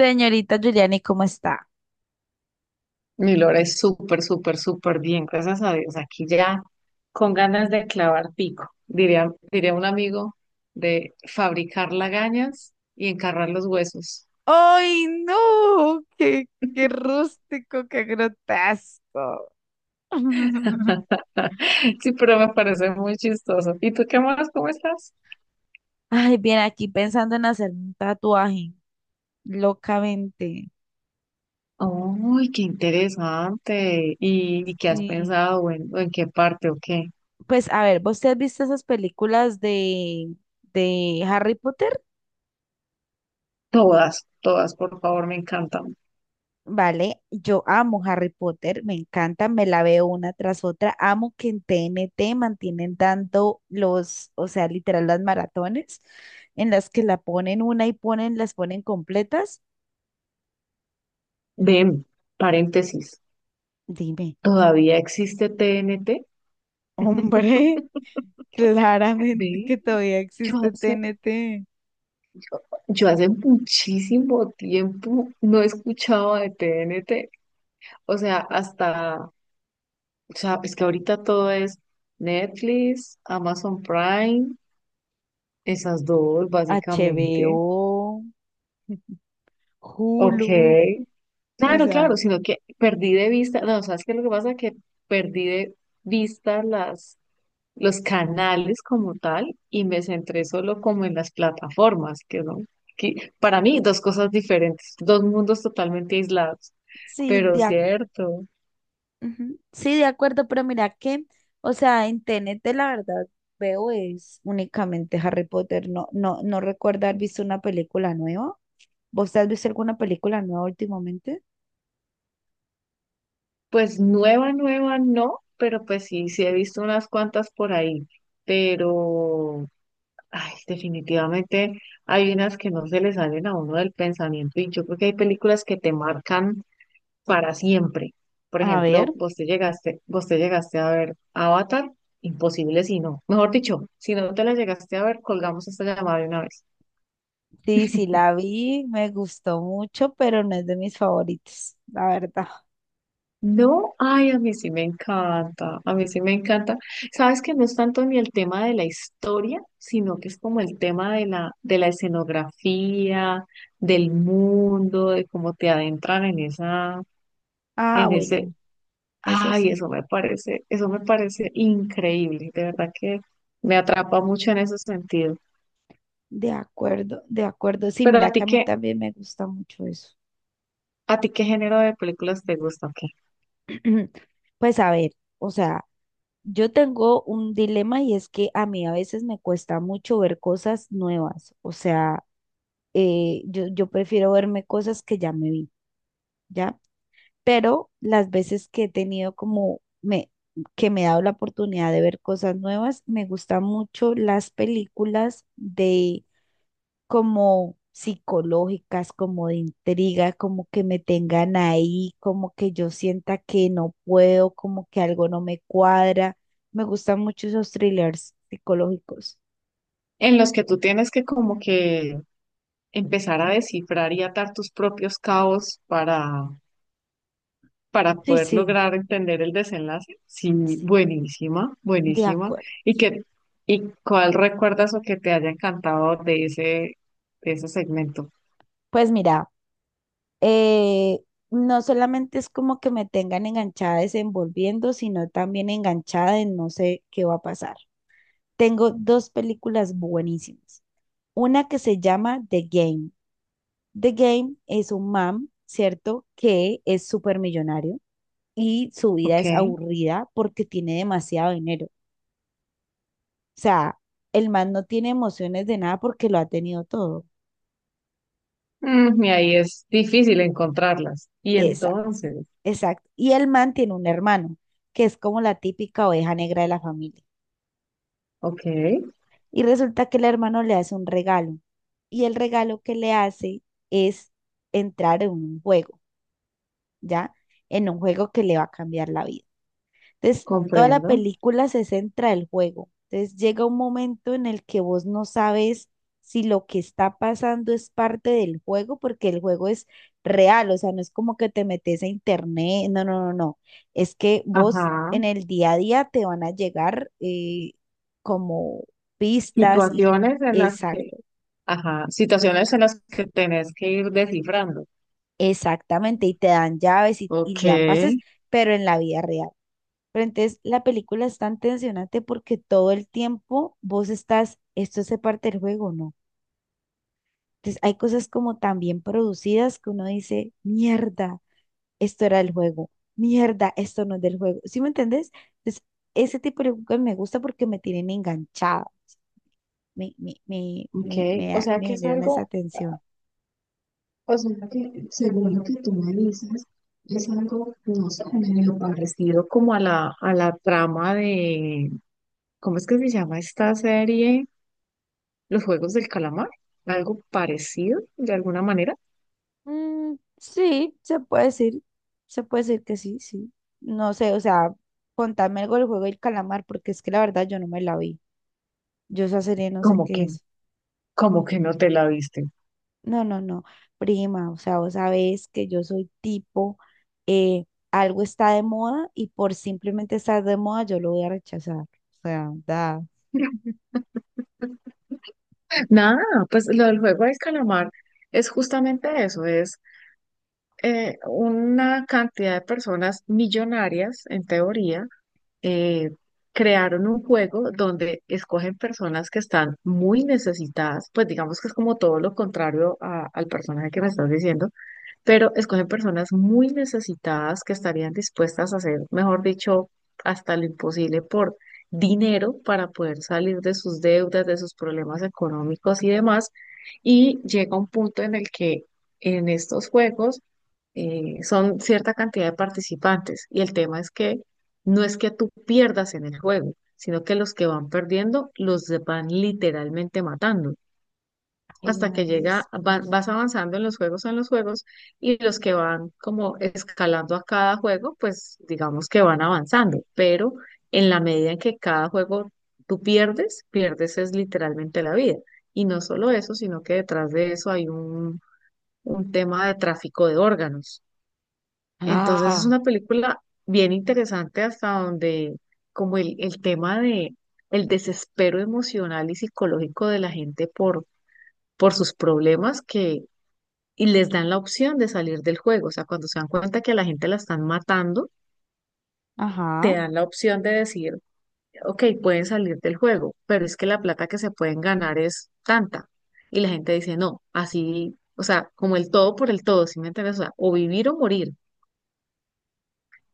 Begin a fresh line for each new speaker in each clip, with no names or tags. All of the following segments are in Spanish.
Señorita Giuliani, ¿cómo está?
Mi Lora es súper, súper, súper bien, gracias a Dios. Aquí ya con ganas de clavar pico, diría un amigo, de fabricar lagañas y encarrar los huesos.
¡Ay, no! ¡Qué, qué rústico, qué grotesco!
Sí, pero me parece muy chistoso. ¿Y tú qué más? ¿Cómo estás?
Ay, bien, aquí pensando en hacer un tatuaje, locamente.
Uy, qué interesante. ¿Y qué has
Sí.
pensado? ¿O en qué parte o qué?
Pues, a ver, ¿vos te has visto esas películas de Harry Potter?
Todas, todas, por favor, me encantan.
Vale, yo amo Harry Potter, me encanta, me la veo una tras otra. Amo que en TNT mantienen dando los, o sea, literal las maratones en las que la ponen una y ponen, las ponen completas.
Ven, paréntesis,
Dime,
¿todavía existe TNT?
hombre, claramente que
Ve,
todavía
yo
existe
hace
TNT,
Yo hace muchísimo tiempo no escuchaba de T N T. O sea, es que ahorita todo es Netflix, Amazon Prime, esas dos básicamente.
HBO,
Ok.
Hulu, o
Claro,
sea,
claro, sino que perdí de vista, no. ¿Sabes qué? Es lo que pasa, que perdí de vista las, los canales como tal y me centré solo como en las plataformas, que no, que para mí dos cosas diferentes, dos mundos totalmente aislados.
sí,
Pero
de
cierto.
Ujú. Sí, de acuerdo, pero mira que, o sea, en T N T la verdad veo es únicamente Harry Potter. No, no recuerdo haber visto una película nueva. ¿Vos has visto alguna película nueva últimamente?
Pues nueva, nueva no, pero pues sí, sí he visto unas cuantas por ahí. Pero, ay, definitivamente hay unas que no se le salen a uno del pensamiento, y yo creo que hay películas que te marcan para siempre. Por
A ver,
ejemplo, vos te llegaste a ver Avatar, imposible si no. Mejor dicho, si no te la llegaste a ver, colgamos esta llamada de una vez.
sí, sí la vi, me gustó mucho, pero no es de mis favoritos, la verdad.
No, ay, a mí sí me encanta, a mí sí me encanta. Sabes que no es tanto ni el tema de la historia, sino que es como el tema de la escenografía, del mundo, de cómo te adentran en
Ah,
en ese,
bueno, eso
ay,
sí,
eso me parece increíble, de verdad que me atrapa mucho en ese sentido.
de acuerdo, de acuerdo. Sí,
Pero a
mira que a mí también me gusta mucho eso.
a ti qué género de películas te gusta, ¿o qué?
Pues a ver, o sea, yo tengo un dilema y es que a mí a veces me cuesta mucho ver cosas nuevas, o sea, yo prefiero verme cosas que ya me vi, ¿ya? Pero las veces que he tenido como me, que me he dado la oportunidad de ver cosas nuevas, me gustan mucho las películas de como psicológicas, como de intriga, como que me tengan ahí, como que yo sienta que no puedo, como que algo no me cuadra. Me gustan mucho esos thrillers psicológicos.
En los que tú tienes que como que empezar a descifrar y atar tus propios cabos para
Sí,
poder
sí,
lograr entender el desenlace. Sí,
sí,
buenísima,
de
buenísima.
acuerdo.
¿Y qué, y cuál recuerdas o que te haya encantado de de ese segmento?
Pues mira, eh, no solamente es como que me tengan enganchada desenvolviendo, sino también enganchada en no sé qué va a pasar. Tengo dos películas buenísimas. Una que se llama The Game. The Game es un man, ¿cierto? Que es súper millonario y su vida
Ok.
es aburrida porque tiene demasiado dinero. O sea, el man no tiene emociones de nada porque lo ha tenido todo.
Mm, y ahí es difícil encontrarlas. Y
Exacto,
entonces,
exacto. Y el man tiene un hermano, que es como la típica oveja negra de la familia.
ok,
Y resulta que el hermano le hace un regalo. Y el regalo que le hace es entrar en un juego, ¿ya? En un juego que le va a cambiar la vida. Entonces, toda la
comprendo.
película se centra el juego. Entonces, llega un momento en el que vos no sabes si lo que está pasando es parte del juego, porque el juego es real, o sea, no es como que te metes a internet, no, no, no, no. Es que vos
Ajá.
en el día a día te van a llegar como pistas y
Situaciones en las que,
exacto,
ajá, situaciones en las que tenés que ir descifrando.
exactamente, y te dan llaves y
Ok.
te dan pases, pero en la vida real. Pero entonces la película es tan tensionante porque todo el tiempo vos estás, esto hace parte del juego, ¿no? Entonces hay cosas como tan bien producidas que uno dice, mierda, esto era el juego, mierda, esto no es del juego. ¿Sí me entendés? Entonces ese tipo de películas me gusta porque me tienen enganchada,
Ok, o sea
me
que es
generan esa
algo
tensión.
O sea que según lo que tú me dices, es algo, no sé, medio parecido como a la trama de, ¿cómo es que se llama esta serie? Los Juegos del Calamar, algo parecido de alguna manera,
Mm, sí, se puede decir que sí, sí. No sé, o sea, contame algo del juego del calamar porque es que la verdad yo no me la vi. Yo esa serie no sé
como que,
qué es.
como que no te la viste.
No, no, no. Prima, o sea, vos sabés que yo soy tipo, eh, algo está de moda y por simplemente estar de moda yo lo voy a rechazar. O sea, da.
Nada, pues lo del Juego del Calamar es justamente eso, es una cantidad de personas millonarias en teoría, eh, crearon un juego donde escogen personas que están muy necesitadas, pues digamos que es como todo lo contrario a- al personaje que me estás diciendo, pero escogen personas muy necesitadas que estarían dispuestas a hacer, mejor dicho, hasta lo imposible por dinero para poder salir de sus deudas, de sus problemas económicos y demás. Y llega un punto en el que en estos juegos, son cierta cantidad de participantes y el tema es que no es que tú pierdas en el juego, sino que los que van perdiendo los de- van literalmente matando
Ay,
hasta que llega, va-
mariscos.
vas avanzando en los juegos, en los juegos, y los que van como escalando a cada juego, pues digamos que van avanzando, pero en la medida en que cada juego tú pierdes, pierdes es literalmente la vida. Y no solo eso, sino que detrás de eso hay un tema de tráfico de órganos. Entonces es
Ah,
una película bien interesante hasta donde como el tema de el desespero emocional y psicológico de la gente por sus problemas que y les dan la opción de salir del juego. O sea, cuando se dan cuenta que a la gente la están matando, te
ajá,
dan la opción de decir, ok, pueden salir del juego, pero es que la plata que se pueden ganar es tanta. Y la gente dice, no, así, o sea, como el todo por el todo, ¿sí me entiendes? O sea, o vivir o morir.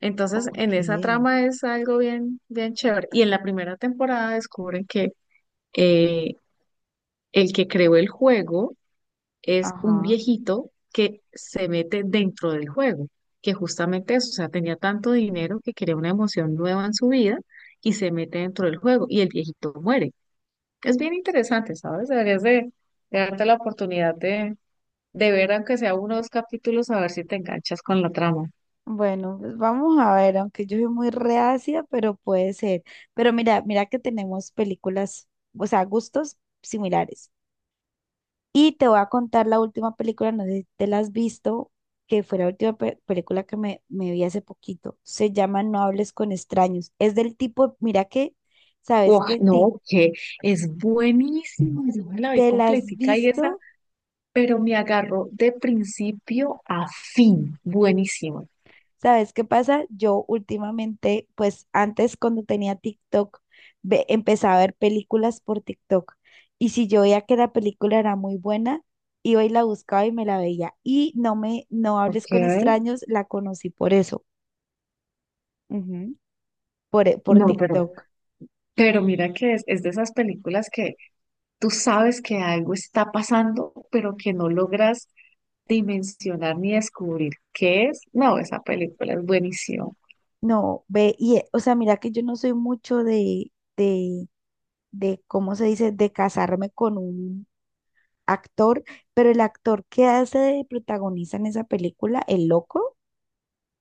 Entonces, en esa
ok,
trama es algo bien, bien chévere. Y en la primera temporada descubren que, eh, el que creó el juego es un
ajá.
viejito que se mete dentro del juego, que justamente eso, o sea, tenía tanto dinero que quería una emoción nueva en su vida y se mete dentro del juego y el viejito muere. Es bien interesante, ¿sabes? Deberías de darte la oportunidad de ver, aunque sea unos capítulos, a ver si te enganchas con la trama.
Bueno, pues vamos a ver, aunque yo soy muy reacia, pero puede ser. Pero mira, mira que tenemos películas, o sea, gustos similares. Y te voy a contar la última película, no sé si te la has visto, que fue la última pe- película que me vi hace poquito. Se llama No hables con extraños. Es del tipo, mira que, ¿sabes
Oh,
qué? Ti-
no, que es buenísimo, yo me la vi
¿Te la has
completica y esa,
visto?
pero me agarró de principio a fin, buenísimo.
¿Sabes qué pasa? Yo últimamente, pues antes cuando tenía TikTok, ve- empezaba a ver películas por TikTok. Y si yo veía que la película era muy buena, iba y la buscaba y me la veía. Y no me, No hables
Ok.
con extraños, la conocí por eso. Ujú. Por
No,
TikTok.
pero mira que es de esas películas que tú sabes que algo está pasando, pero que no logras dimensionar ni descubrir qué es. No, esa película es buenísima.
No, ve, y, o sea, mira que yo no soy mucho de, ¿cómo se dice?, de casarme con un actor, pero el actor que hace de protagonista en esa película, el loco,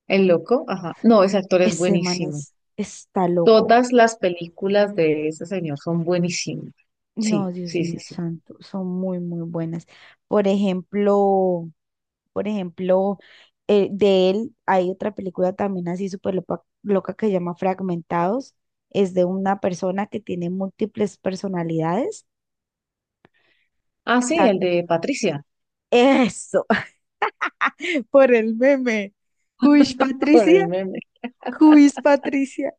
El loco, ajá. No, ese actor es
ese man
buenísimo.
es, está loco.
Todas las películas de ese señor son buenísimas.
No,
Sí,
Dios
sí, sí,
mío
sí.
santo, son muy, muy buenas. Por ejemplo, por ejemplo, de él hay otra película también así súper lopa- loca que se llama Fragmentados. Es de una persona que tiene múltiples personalidades.
Ah,
O
sí,
sea,
el de Patricia,
eso, por el meme. Juiz
por el
Patricia,
meme.
Juiz Patricia.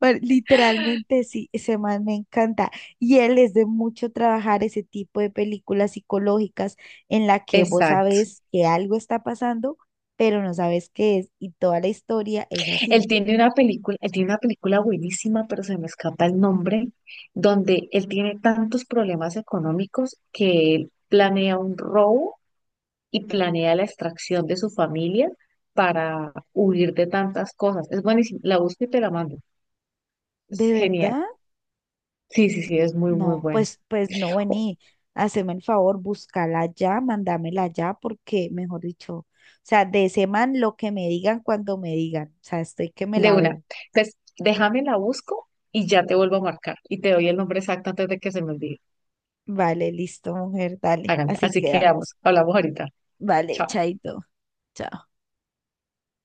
Bueno, literalmente sí, ese man me encanta. Y él es de mucho trabajar ese tipo de películas psicológicas en la que vos
Exacto.
sabes que algo está pasando, pero no sabes qué es. Y toda la historia es así.
Él tiene una película buenísima, pero se me escapa el nombre, donde él tiene tantos problemas económicos que él planea un robo y planea la extracción de su familia para huir de tantas cosas. Es buenísimo. La busco y te la mando. Es
¿De
genial.
verdad?
Sí, sí, sí, es muy, muy
No,
bueno.
pues, pues no,
O-
vení, haceme el favor, búscala ya, mándamela ya, porque, mejor dicho, o sea, de ese man lo que me digan cuando me digan, o sea, estoy que me
De
la
una.
veo.
Entonces, déjame la busco y ya te vuelvo a marcar y te doy el nombre exacto antes de que se me olvide.
Vale, listo, mujer, dale,
Hágale.
así
Así que
quedamos.
vamos, hablamos ahorita.
Vale,
Chao.
chaito. Chao.